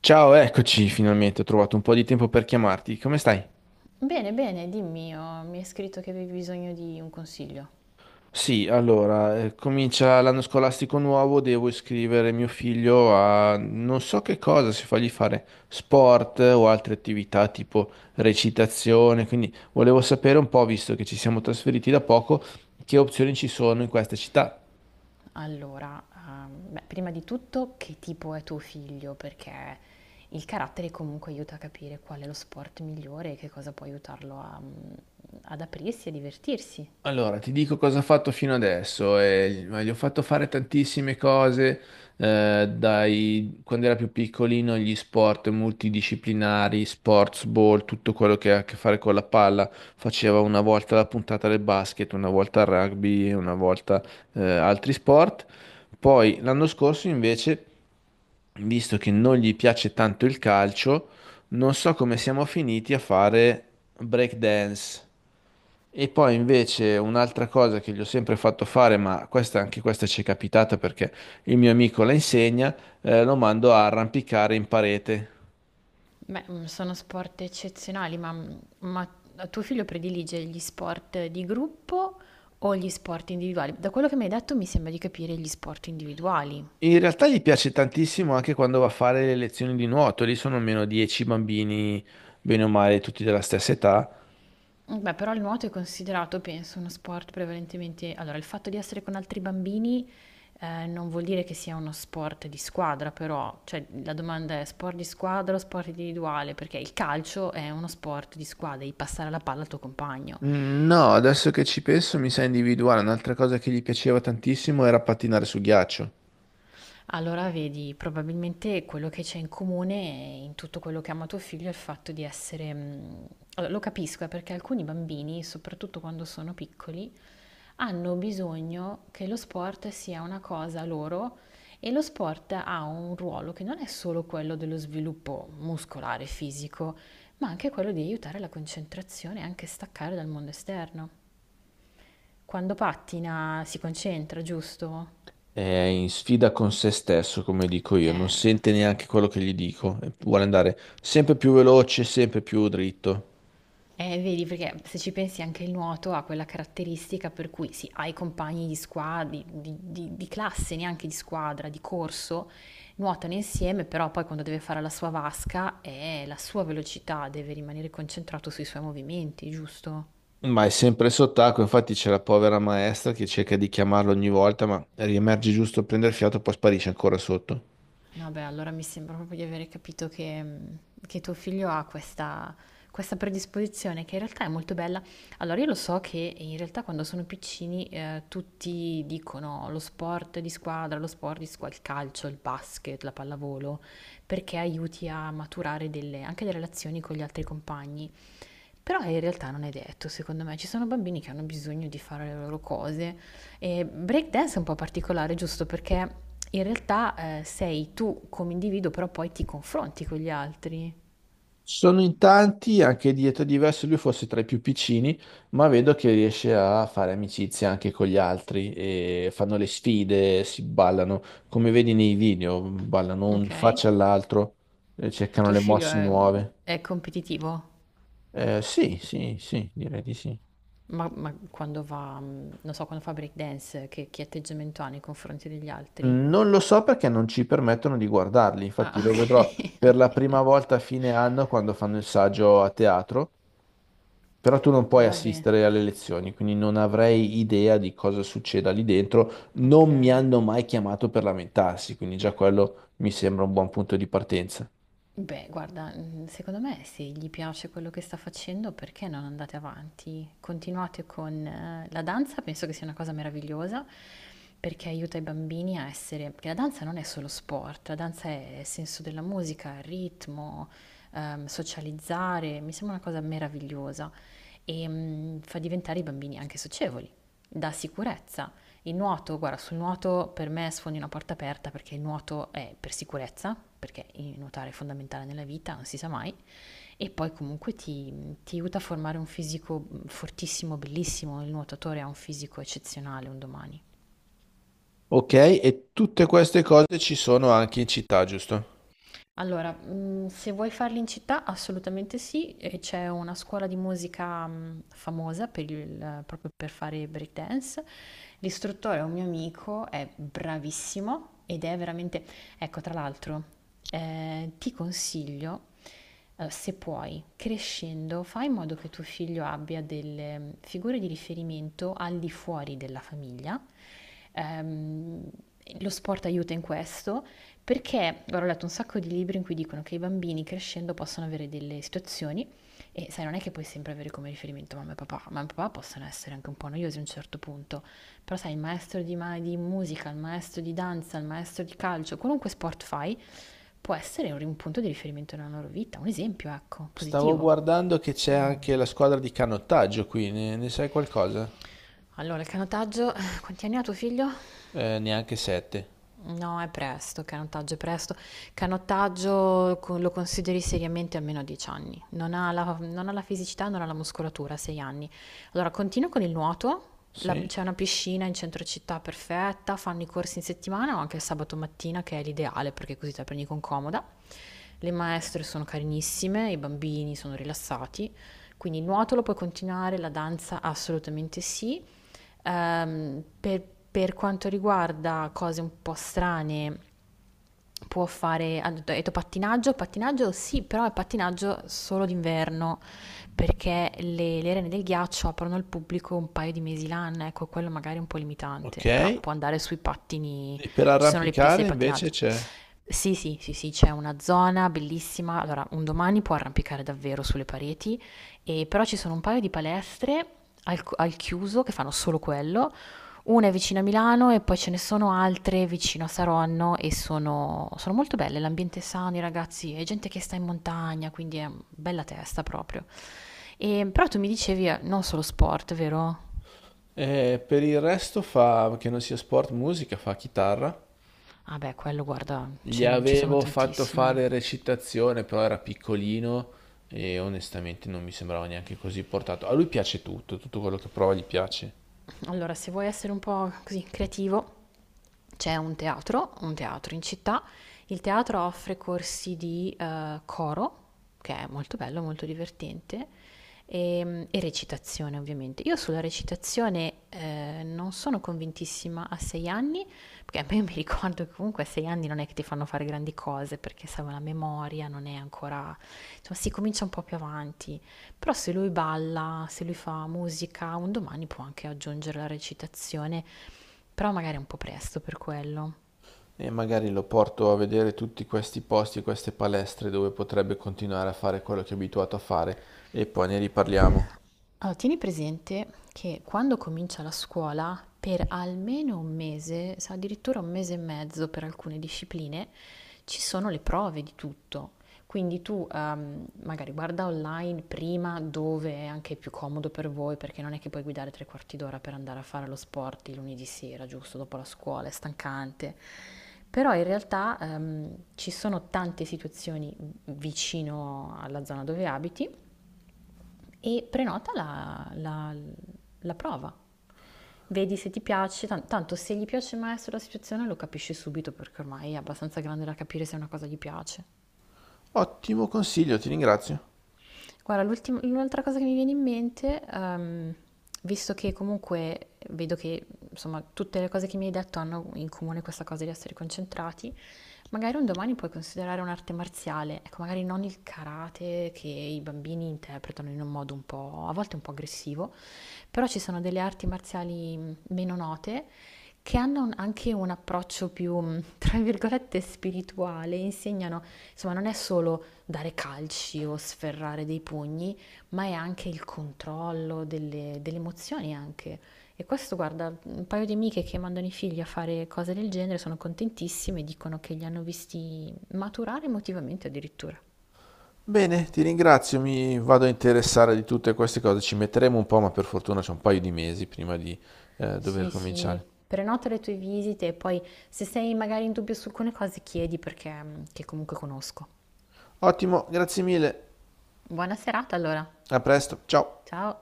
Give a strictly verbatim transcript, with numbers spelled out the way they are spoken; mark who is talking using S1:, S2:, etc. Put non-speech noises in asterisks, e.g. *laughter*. S1: Ciao, eccoci finalmente, ho trovato un po' di tempo per chiamarti. Come stai?
S2: Bene, bene, dimmi, oh, mi hai scritto che avevi bisogno di un consiglio.
S1: Sì, allora, eh, comincia l'anno scolastico nuovo, devo iscrivere mio figlio a non so che cosa, se fargli fare sport eh, o altre attività tipo recitazione, quindi volevo sapere un po', visto che ci siamo trasferiti da poco, che opzioni ci sono in questa città.
S2: Allora, ehm, beh, prima di tutto, che tipo è tuo figlio? Perché il carattere comunque aiuta a capire qual è lo sport migliore e che cosa può aiutarlo a, mm, ad aprirsi e divertirsi.
S1: Allora, ti dico cosa ho fatto fino adesso. Eh, ma gli ho fatto fare tantissime cose, eh, dai, quando era più piccolino, gli sport multidisciplinari, sports ball, tutto quello che ha a che fare con la palla. Faceva una volta la puntata del basket, una volta il rugby, una volta, eh, altri sport. Poi l'anno scorso invece visto che non gli piace tanto il calcio, non so come siamo finiti a fare break dance. E poi invece un'altra cosa che gli ho sempre fatto fare, ma questa, anche questa ci è capitata perché il mio amico la insegna, eh, lo mando a arrampicare in parete.
S2: Beh, mm, sono sport eccezionali, ma, ma tuo figlio predilige gli sport di gruppo o gli sport individuali? Da quello che mi hai detto mi sembra di capire gli sport individuali.
S1: In realtà gli piace tantissimo anche quando va a fare le lezioni di nuoto, lì sono almeno dieci bambini, bene o male, tutti della stessa età.
S2: Mh, beh, però il nuoto è considerato, penso, uno sport prevalentemente allora, il fatto di essere con altri bambini, ehm, non vuol dire che sia uno sport di squadra però, cioè la domanda è: sport di squadra o sport individuale? Perché il calcio è uno sport di squadra, devi passare la palla al tuo compagno.
S1: Mm, no, adesso che ci penso mi sa individuare, un'altra cosa che gli piaceva tantissimo era pattinare su ghiaccio.
S2: Allora vedi, probabilmente quello che c'è in comune in tutto quello che ama tuo figlio è il fatto di essere mh, allora, lo capisco, eh, perché alcuni bambini, soprattutto quando sono piccoli, hanno bisogno che lo sport sia una cosa loro e lo sport ha un ruolo che non è solo quello dello sviluppo muscolare, fisico, ma anche quello di aiutare la concentrazione e anche staccare dal mondo esterno. Quando pattina si concentra, giusto?
S1: È in sfida con se stesso, come dico io, non
S2: Eh,
S1: sente neanche quello che gli dico, e vuole andare sempre più veloce, sempre più dritto,
S2: Eh, vedi, perché se ci pensi anche il nuoto ha quella caratteristica per cui sì, hai compagni di squadra, di, di- di- di classe, neanche di squadra, di corso, nuotano insieme, però poi quando deve fare la sua vasca, eh, la sua velocità deve rimanere concentrato sui suoi movimenti, giusto?
S1: ma è sempre sott'acqua, infatti c'è la povera maestra che cerca di chiamarlo ogni volta, ma riemerge giusto a prendere fiato, e poi sparisce ancora sotto.
S2: No, beh, allora mi sembra proprio di avere capito che, mm, che tuo figlio ha questa, questa predisposizione che in realtà è molto bella. Allora, io lo so che in realtà quando sono piccini eh, tutti dicono lo sport di squadra, lo sport di squadra, il calcio, il basket, la pallavolo, perché aiuti a maturare delle- anche le relazioni con gli altri compagni. Però eh, in realtà non è detto, secondo me, ci sono bambini che hanno bisogno di fare le loro cose. E breakdance è un po' particolare, giusto? Perché in realtà eh, sei tu come individuo, però poi ti confronti con gli altri.
S1: Sono in tanti, anche di età diverse, lui forse tra i più piccini, ma vedo che riesce a fare amicizia anche con gli altri e fanno le sfide, si ballano, come vedi nei video, ballano un in
S2: Ok.
S1: faccia all'altro, eh, cercano
S2: Tuo
S1: le
S2: figlio
S1: mosse
S2: è,
S1: nuove.
S2: è competitivo?
S1: Eh, sì, sì, sì, direi di sì.
S2: Ma, ma quando va, mm, non so, quando fa breakdance, che, che atteggiamento ha nei confronti degli altri?
S1: Non lo so perché non ci permettono di guardarli, infatti
S2: Ah,
S1: lo
S2: ok.
S1: vedrò per la
S2: *laughs*
S1: prima volta a fine anno quando fanno il saggio a teatro, però tu non puoi
S2: Va bene.
S1: assistere alle lezioni, quindi non avrei idea di cosa succeda lì dentro,
S2: Vabbè,
S1: non mi
S2: ok.
S1: hanno mai chiamato per lamentarsi, quindi già quello mi sembra un buon punto di partenza.
S2: Beh, guarda, mhmm, secondo me se gli piace quello che sta facendo, perché non andate avanti? Continuate con eh, la danza, penso che sia una cosa meravigliosa, perché aiuta i bambini a essere perché la danza non è solo sport, la danza è senso della musica, ritmo, ehm, socializzare, mi sembra una cosa meravigliosa e mm, fa diventare i bambini anche socievoli, dà sicurezza. Il nuoto, guarda, sul nuoto per me sfondi una porta aperta perché il nuoto è per sicurezza, perché il nuotare è fondamentale nella vita, non si sa mai, e poi comunque ti, ti aiuta a formare un fisico fortissimo, bellissimo, il nuotatore ha un fisico eccezionale un domani.
S1: Ok, e tutte queste cose ci sono anche in città, giusto?
S2: Allora, mhmm, se vuoi farli in città assolutamente sì, e c'è una scuola di musica, mhmm, famosa per il proprio per fare break dance. L'istruttore è un mio amico, è bravissimo ed è veramente ecco tra l'altro, ehm, ti consiglio, uhm, se puoi, crescendo, fai in modo che tuo figlio abbia delle mm, figure di riferimento al di fuori della famiglia. Ehm, lo sport aiuta in questo perché guarda, ho letto un sacco di libri in cui dicono che i bambini crescendo possono avere delle situazioni e sai, non è che puoi sempre avere come riferimento mamma e papà, mamma e papà possono essere anche un po' noiosi a un certo punto, però sai, il maestro di, ma- di musica, il maestro di danza, il maestro di calcio, qualunque sport fai, può essere un, un punto di riferimento nella loro vita, un esempio, ecco,
S1: Stavo
S2: positivo.
S1: guardando che c'è anche la squadra di canottaggio qui, ne, ne sai qualcosa?
S2: Allora, il canottaggio, quanti anni ha tuo figlio?
S1: Eh, neanche sette.
S2: No, è presto, canottaggio è presto. Canottaggio co- lo consideri seriamente almeno dieci anni. Non ha la, non ha la fisicità, non ha la muscolatura, sei anni. Allora, continuo con il nuoto. La-
S1: Sì?
S2: c'è una piscina in centro città perfetta, fanno i corsi in settimana o anche il sabato mattina, che è l'ideale perché così te la prendi con comoda. Le maestre sono carinissime, i bambini sono rilassati. Quindi il nuoto lo puoi continuare, la danza assolutamente sì. Ehm, per, per quanto riguarda cose un po' strane, può fare, ha detto ha detto pattinaggio, pattinaggio sì, però è pattinaggio solo d'inverno, perché le, le arene del ghiaccio aprono al pubblico un paio di mesi l'anno, ecco, quello magari è un po'
S1: Ok,
S2: limitante, però
S1: e
S2: può andare sui pattini,
S1: per
S2: ci sono le piste di
S1: arrampicare invece
S2: pattinaggio.
S1: c'è.
S2: Sì, sì, sì, sì, c'è una zona bellissima. Allora, un domani può arrampicare davvero sulle pareti, e però ci sono un paio di palestre al, al chiuso che fanno solo quello. Una è vicino a Milano e poi ce ne sono altre vicino a Saronno e sono, sono molto belle. L'ambiente è sano, i ragazzi, è gente che sta in montagna, quindi è bella testa proprio. E, però tu mi dicevi eh, non solo sport, vero?
S1: E per il resto fa, che non sia sport, musica, fa chitarra.
S2: Vabbè, quello guarda,
S1: Gli
S2: ce- ci sono
S1: avevo fatto
S2: tantissimi.
S1: fare recitazione, però era piccolino e onestamente non mi sembrava neanche così portato. A lui piace tutto, tutto quello che prova gli piace.
S2: Allora, se vuoi essere un po' così creativo, c'è un teatro, un teatro in città. Il teatro offre corsi di eh, coro, che è molto bello, molto divertente, e, e recitazione ovviamente. Io sulla recitazione eh, non sono convintissima a sei anni, perché *laughs* a me mi ricordo che comunque a sei anni non è che ti fanno fare grandi cose, perché serve la memoria, non è ancora insomma si comincia un po' più avanti. Però se lui balla, se lui fa musica, un domani può anche aggiungere la recitazione, però magari è un po' presto per quello.
S1: E magari lo porto a vedere tutti questi posti, queste palestre dove potrebbe continuare a fare quello che è abituato a fare e poi ne riparliamo.
S2: Allora, tieni presente che quando comincia la scuola, per almeno un mese, se addirittura un mese e mezzo per alcune discipline, ci sono le prove di tutto. Quindi tu ehm, magari guarda online prima dove è anche più comodo per voi, perché non è che puoi guidare tre quarti d'ora per andare a fare lo sport il lunedì sera, giusto dopo la scuola, è stancante. Però in realtà ehm, ci sono tante situazioni vicino alla zona dove abiti e prenota la, la- la prova. Vedi se ti piace, tan- tanto se gli piace il maestro la situazione lo capisci subito perché ormai è abbastanza grande da capire se una cosa gli piace.
S1: Ottimo consiglio, ti ringrazio.
S2: Guarda, l'ultim- l'altra cosa che mi viene in mente, ehm, visto che comunque vedo che insomma tutte le cose che mi hai detto hanno in comune questa cosa di essere concentrati, magari un domani puoi considerare un'arte marziale, ecco, magari non il karate che i bambini interpretano in un modo un po', a volte un po' aggressivo, però ci sono delle arti marziali mh, meno note che hanno un- anche un approccio più, mh, tra virgolette, spirituale, insegnano, insomma, non è solo dare calci o sferrare dei pugni, ma è anche il controllo delle, delle emozioni anche. E questo, guarda, un paio di amiche che mandano i figli a fare cose del genere sono contentissime e dicono che li hanno visti maturare emotivamente addirittura.
S1: Bene, ti ringrazio, mi vado a interessare di tutte queste cose, ci metteremo un po', ma per fortuna c'è un paio di mesi prima di eh, dover
S2: Sì, sì,
S1: cominciare.
S2: prenota le tue visite e poi se sei magari in dubbio su alcune cose chiedi perché che comunque conosco.
S1: Ottimo, grazie mille,
S2: Buona serata allora,
S1: a presto, ciao.
S2: ciao!